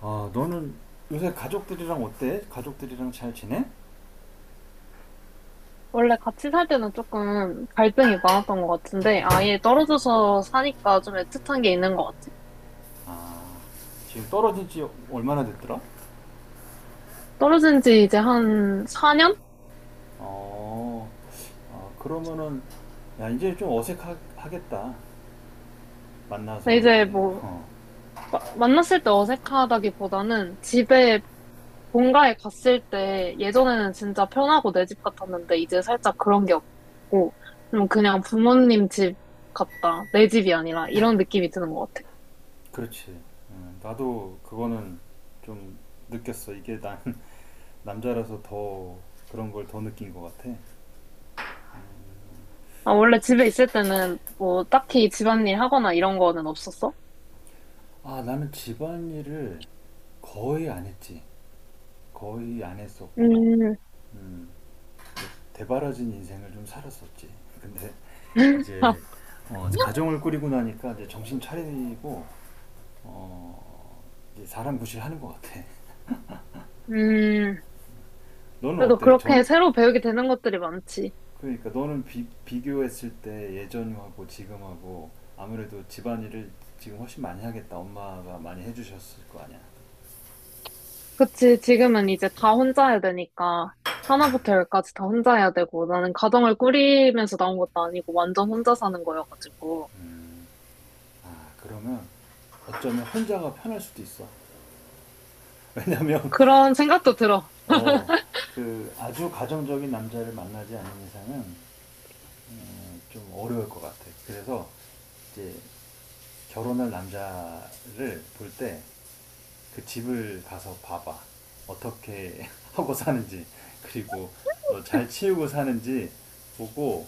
아, 너는 요새 가족들이랑 어때? 가족들이랑 잘 지내? 원래 같이 살 때는 조금 갈등이 많았던 것 같은데, 아예 떨어져서 사니까 좀 애틋한 게 있는 것 같아. 아, 지금 떨어진 지 얼마나 됐더라? 떨어진 지 이제 한 4년? 어, 아, 그러면은, 야, 이제 좀 어색하겠다. 근데 만나서 이제 이제, 뭐, 만났을 때 어색하다기보다는 집에 본가에 갔을 때 예전에는 진짜 편하고 내 집 같았는데, 이제 살짝 그런 게 없고, 좀 그냥 부모님 집 같다. 내 집이 아니라 이런 느낌이 드는 것 같아. 그렇지. 나도 그거는 좀 느꼈어. 이게 난 남자라서 더 그런 걸 더 느낀 것 같아. 아, 원래 집에 있을 때는 뭐 딱히 집안일 하거나 이런 거는 없었어? 아, 나는 집안일을 거의 안 했지. 거의 안 했었고, 음. 음, 대바라진 인생을 좀 살았었지. 근데 이제 가정을 꾸리고 나니까 이제 정신 차리고 어, 이제 사람 구실하는 것 같아. 음, 너는 그래도 어때? 그렇게 전 새로 배우게 되는 것들이 많지. 그러니까 너는 비교했을 때 예전하고 지금하고 아무래도 집안일을 지금 훨씬 많이 하겠다. 엄마가 많이 해주셨을 거 아니야. 그치, 지금은 이제 다 혼자 해야 되니까, 하나부터 열까지 다 혼자 해야 되고, 나는 가정을 꾸리면서 나온 것도 아니고, 완전 혼자 사는 거여가지고. 아 그러면 어쩌면 혼자가 편할 수도 있어. 왜냐면 그런 생각도 들어. 어 그 아주 가정적인 남자를 만나지 않는 이상은 좀 어려울 것 같아. 그래서 이제 결혼할 남자를 볼 때 그 집을 가서 봐봐. 어떻게 하고 사는지, 그리고 잘 치우고 사는지 보고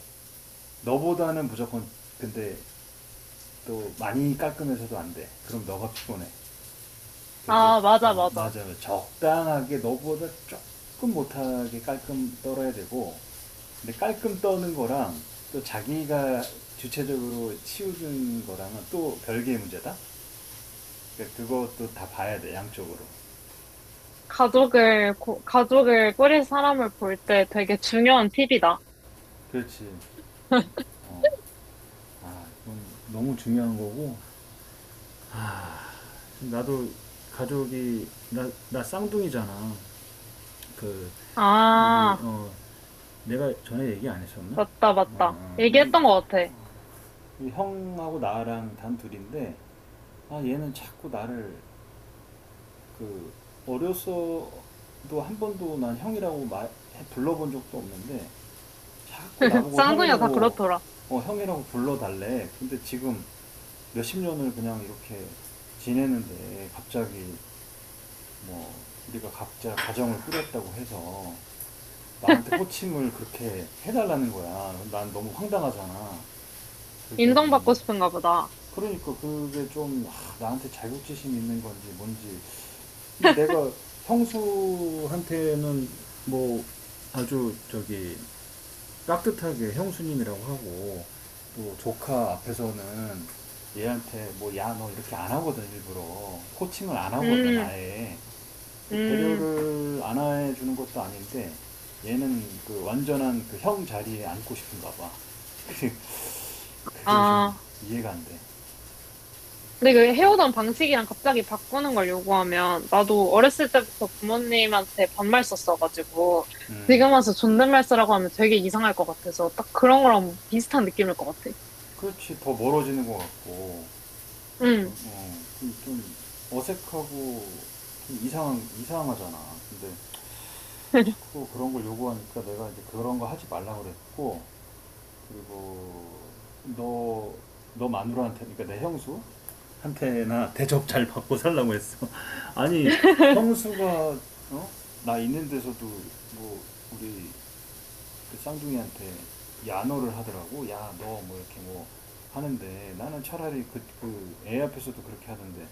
너보다는 무조건, 근데 또 많이 깎으면서도 안 돼. 그럼 너가 피곤해. 근데 아, 맞아, 어, 맞아. 맞아요. 적당하게 너보다 조금 못하게 깔끔 떨어야 되고, 근데 깔끔 떠는 거랑 또 자기가 주체적으로 치우는 거랑은 또 별개의 문제다. 그러니까 그것도 다 봐야 돼, 양쪽으로. 가족을 꾸릴 사람을 볼 때 되게 중요한 팁이다. 그렇지. 어. 아 이건 너무 중요한 거고. 아, 나도 가족이 나 쌍둥이잖아. 그 우리 아, 내가 전에 얘기 안 했었나? 맞다, 맞다. 우리, 얘기했던 것 같아. 우리 형하고 나랑 단 둘인데 아 얘는 자꾸 나를 그 어려서도 한 번도 난 형이라고 말 불러본 적도 없는데 자꾸 나보고 쌍둥이가 다 형이라고, 그렇더라. 형이라고 불러달래. 근데 지금 몇십 년을 그냥 이렇게 지내는데 갑자기 뭐 우리가 각자 가정을 꾸렸다고 해서 나한테 호칭을 그렇게 해달라는 거야. 난 너무 황당하잖아. 그게 인정받고 뭐, 싶은가 보다. 그러니까 그게 좀, 아, 나한테 자격지심 있는 건지 뭔지. 근데 내가 형수한테는 뭐 아주 저기 깍듯하게 형수님이라고 하고, 또 조카 앞에서는 얘한테 뭐 야 너 이렇게 안 하거든, 일부러 코칭을 안 하거든 음, 아예. 그 음, 배려를 안 해주는 것도 아닌데 얘는 그 완전한 그 형 자리에 앉고 싶은가 봐. 그게, 그게 좀 아. 이해가 안돼. 근데 그 헤어던 방식이랑 갑자기 바꾸는 걸 요구하면 나도 어렸을 때부터 부모님한테 반말 썼어가지고 음 지금 와서 존댓말 쓰라고 하면 되게 이상할 것 같아서 딱 그런 거랑 비슷한 느낌일 것 같아. 그렇지 더 멀어지는 것 같고, 응, 어, 좀 어색하고 좀 이상한 이상하잖아. 근데 자꾸 그런 걸 요구하니까 내가 이제 그런 거 하지 말라 그랬고, 그리고 너 너 마누라한테, 그러니까 내 형수 한테나 대접 잘 받고 살라고 했어. 아니 형수가, 어? 나 있는 데서도 뭐 우리 그 쌍둥이한테 야노를 하더라고. 야, 너 뭐 이렇게 뭐 하는데, 나는 차라리 그, 그 애 앞에서도 그렇게 하던데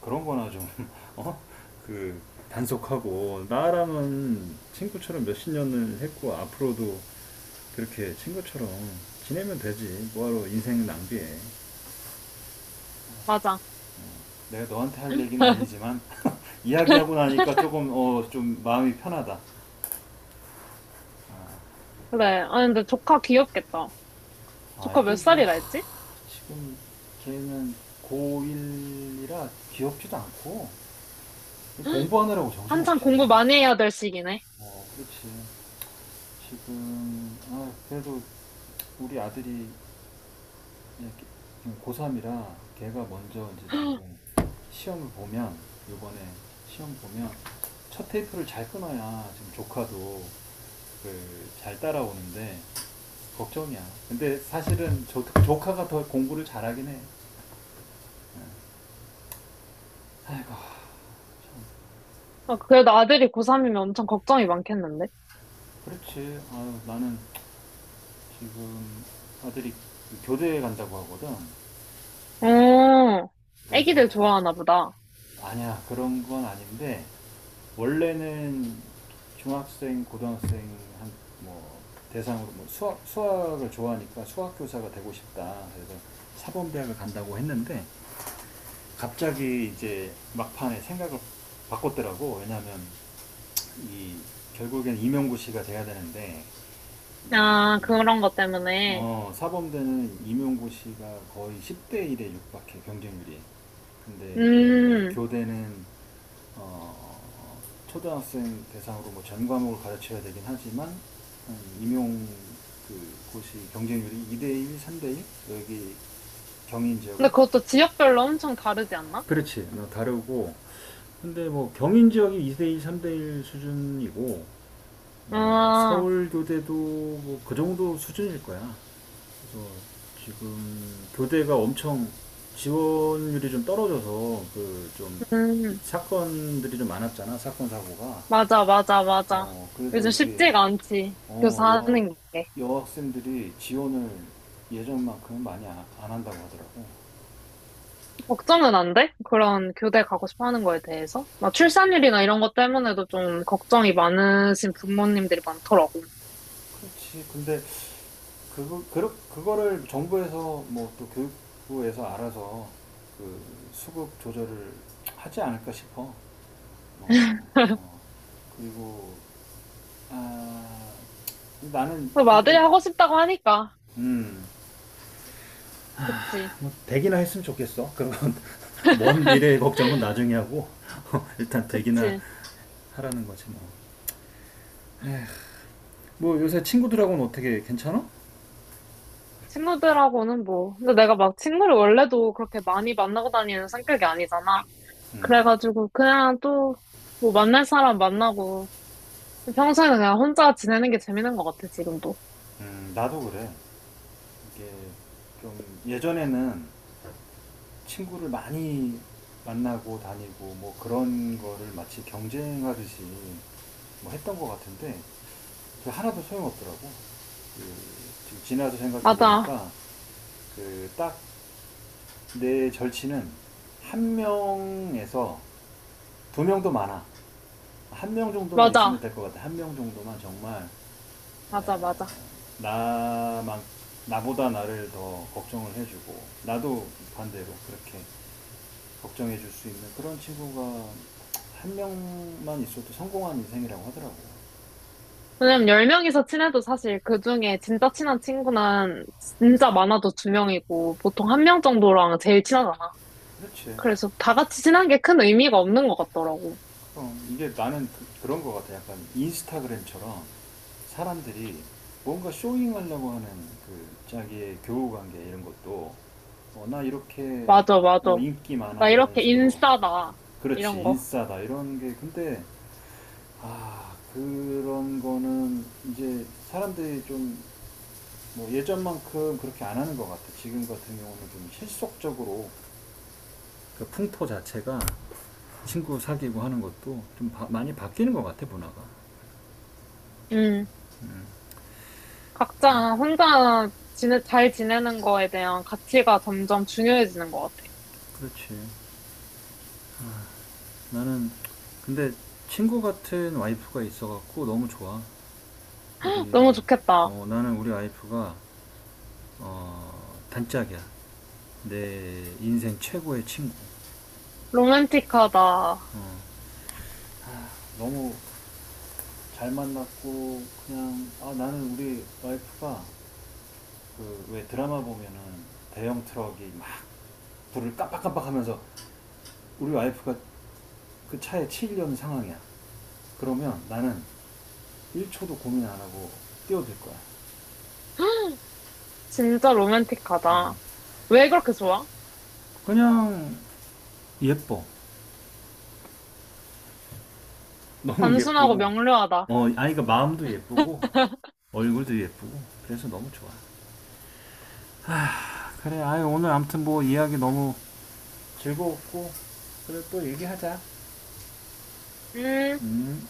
그런 거나 좀, 어? 그 단속하고 나랑은 친구처럼 몇 십 년을 했고 앞으로도 그렇게 친구처럼 지내면 되지. 뭐하러 인생 낭비해. 맞아. 내가 너한테 할 얘기는 아니지만 이야기하고 나니까 조금 좀 마음이 편하다. 그래. 아 근데 조카 귀엽겠다. 아 조카 몇 이게 뭐, 살이라 했지? 지금 걔는 고1이라 귀엽지도 않고 공부하느라고 한참 정신없지. 공부 많이 해야 될 시기네. 어, 그렇지. 지금, 아, 그래도 우리 아들이 고3이라 걔가 먼저 이제 지금 시험을 보면, 요번에 시험 보면 첫 테이프를 잘 끊어야 지금 조카도 그 잘 따라오는데 걱정이야. 근데 사실은 조카가 더 공부를 잘하긴 해. 예. 아이고, 참. 아, 그래도 아들이 고3이면 엄청 걱정이 많겠는데? 그렇지. 아유, 나는 지금 아들이 그 교대에 간다고 하거든. 그, 어, 애기들 그래서 좋아하나 보다. 아니야, 그런 건 아닌데 원래는 중학생 고등학생 한 뭐 대상으로 뭐 수학을 좋아하니까 수학 교사가 되고 싶다 그래서 사범대학을 간다고 했는데, 갑자기 이제 막판에 생각을 바꿨더라고. 왜냐하면 이 결국엔 임용고시가 돼야 되는데 이, 아, 그런 것 때문에. 사범대는 임용고시가 거의 10대 1에 육박해, 경쟁률이. 근데 음. 교대는 어, 초등학생 대상으로 뭐 전 과목을 가르쳐야 되긴 하지만, 임용 그 곳이 경쟁률이 2대1, 3대1, 여기 경인 지역은. 근데 그것도 지역별로 엄청 다르지 않나? 그렇지. 어, 다르고. 근데 뭐 경인 지역이 2대 일, 3대1 수준이고 뭐 아, 서울 교대도 뭐 그 정도 수준일 거야. 그래서 지금 교대가 엄청 지원율이 좀 떨어져서 그 좀 음, 사건들이 좀 많았잖아. 사건 사고가. 맞아, 맞아, 맞아. 어, 그래서 요즘 이게, 쉽지가 않지. 어, 여, 교사하는 게. 여학생들이 지원을 예전만큼 많이 안 한다고 하더라고. 걱정은 안 돼? 그런 교대 가고 싶어 하는 거에 대해서? 막 출산율이나 이런 것 때문에도 좀 걱정이 많으신 부모님들이 많더라고. 그렇지. 근데, 그거를 정부에서 뭐 또 교육부에서 알아서 그 수급 조절을 하지 않을까 싶어. 어, 어. 그리고, 아, 나는, 그럼 아들이 근데, 하고 싶다고 하니까. 음, 그치, 뭐 되기나 했으면 좋겠어. 그건 먼 미래의 걱정은 나중에 하고, 일단 되기나 그치. 하라는 거지 뭐. 뭐 요새 친구들하고는 어떻게 괜찮아? 친구들하고는 뭐. 근데 내가 막 친구를 원래도 그렇게 많이 만나고 다니는 성격이 아니잖아. 음, 그래가지고 그냥 또 뭐 만날 사람 만나고 평소에는 그냥 혼자 지내는 게 재밌는 것 같아, 지금도. 나도 그래. 이게 좀 예전에는 친구를 많이 만나고 다니고 뭐 그런 거를 마치 경쟁하듯이 뭐 했던 것 같은데 그 하나도 소용없더라고. 그 지금 지나서 생각해 맞아, 보니까 그 딱 내 절친은 한 명에서 두 명도 많아. 한명 정도만 있으면 맞아, 될 것 같아. 한명 정도만 정말, 맞아, 예, 맞아. 나만, 나보다 나를 더 걱정을 해주고 나도 반대로 그렇게 걱정해줄 수 있는 그런 친구가 한 명만 있어도 성공한 인생이라고 하더라고요. 왜냐면 10명이서 친해도 사실 그 중에 진짜 친한 친구는 진짜 많아도 두명이고 보통 한 명 정도랑 제일 친하잖아. 그렇지. 그래서 다 같이 친한 게 큰 의미가 없는 것 같더라고. 그럼 이게 나는 그, 런것 같아. 약간 인스타그램처럼 사람들이 뭔가 쇼잉하려고 하는 그 자기의 교우관계 이런 것도, 어, 나 이렇게 맞아, 맞아. 인기 나 많아 이런 이렇게 식으로, 인싸다. 그렇지 이런 거. 인싸다 이런 게. 근데 아, 그런 거는 이제 사람들이 좀 뭐 예전만큼 그렇게 안 하는 것 같아. 지금 같은 경우는 좀 실속적으로 그 풍토 자체가 친구 사귀고 하는 것도 많이 바뀌는 것 같아, 문화가. 음, 음, 각자 혼자 지내, 잘 지내는 거에 대한 가치가 점점 중요해지는 것 같아. 그렇지. 아, 나는 근데 친구 같은 와이프가 있어갖고 너무 좋아. 너무 우리 좋겠다. 어, 나는 우리 와이프가 단짝이야. 내 인생 최고의 친구. 로맨틱하다. 어. 아, 너무 잘 만났고 그냥 아 나는 우리 와이프가 그 왜 드라마 보면은 대형 트럭이 막 불을 깜빡깜빡하면서 우리 와이프가 그 차에 치이려는 상황이야. 그러면 나는 1초도 고민 안 하고 뛰어들 거야. 진짜 로맨틱하다. 왜 그렇게 좋아? 그냥 예뻐. 너무 단순하고 예쁘고 명료하다. 어 아이가 마음도 예쁘고 얼굴도 예쁘고 그래서 너무 좋아. 아, 그래 아이 오늘 아무튼 뭐 이야기 너무 즐거웠고 그래 또 얘기하자. 음, 음.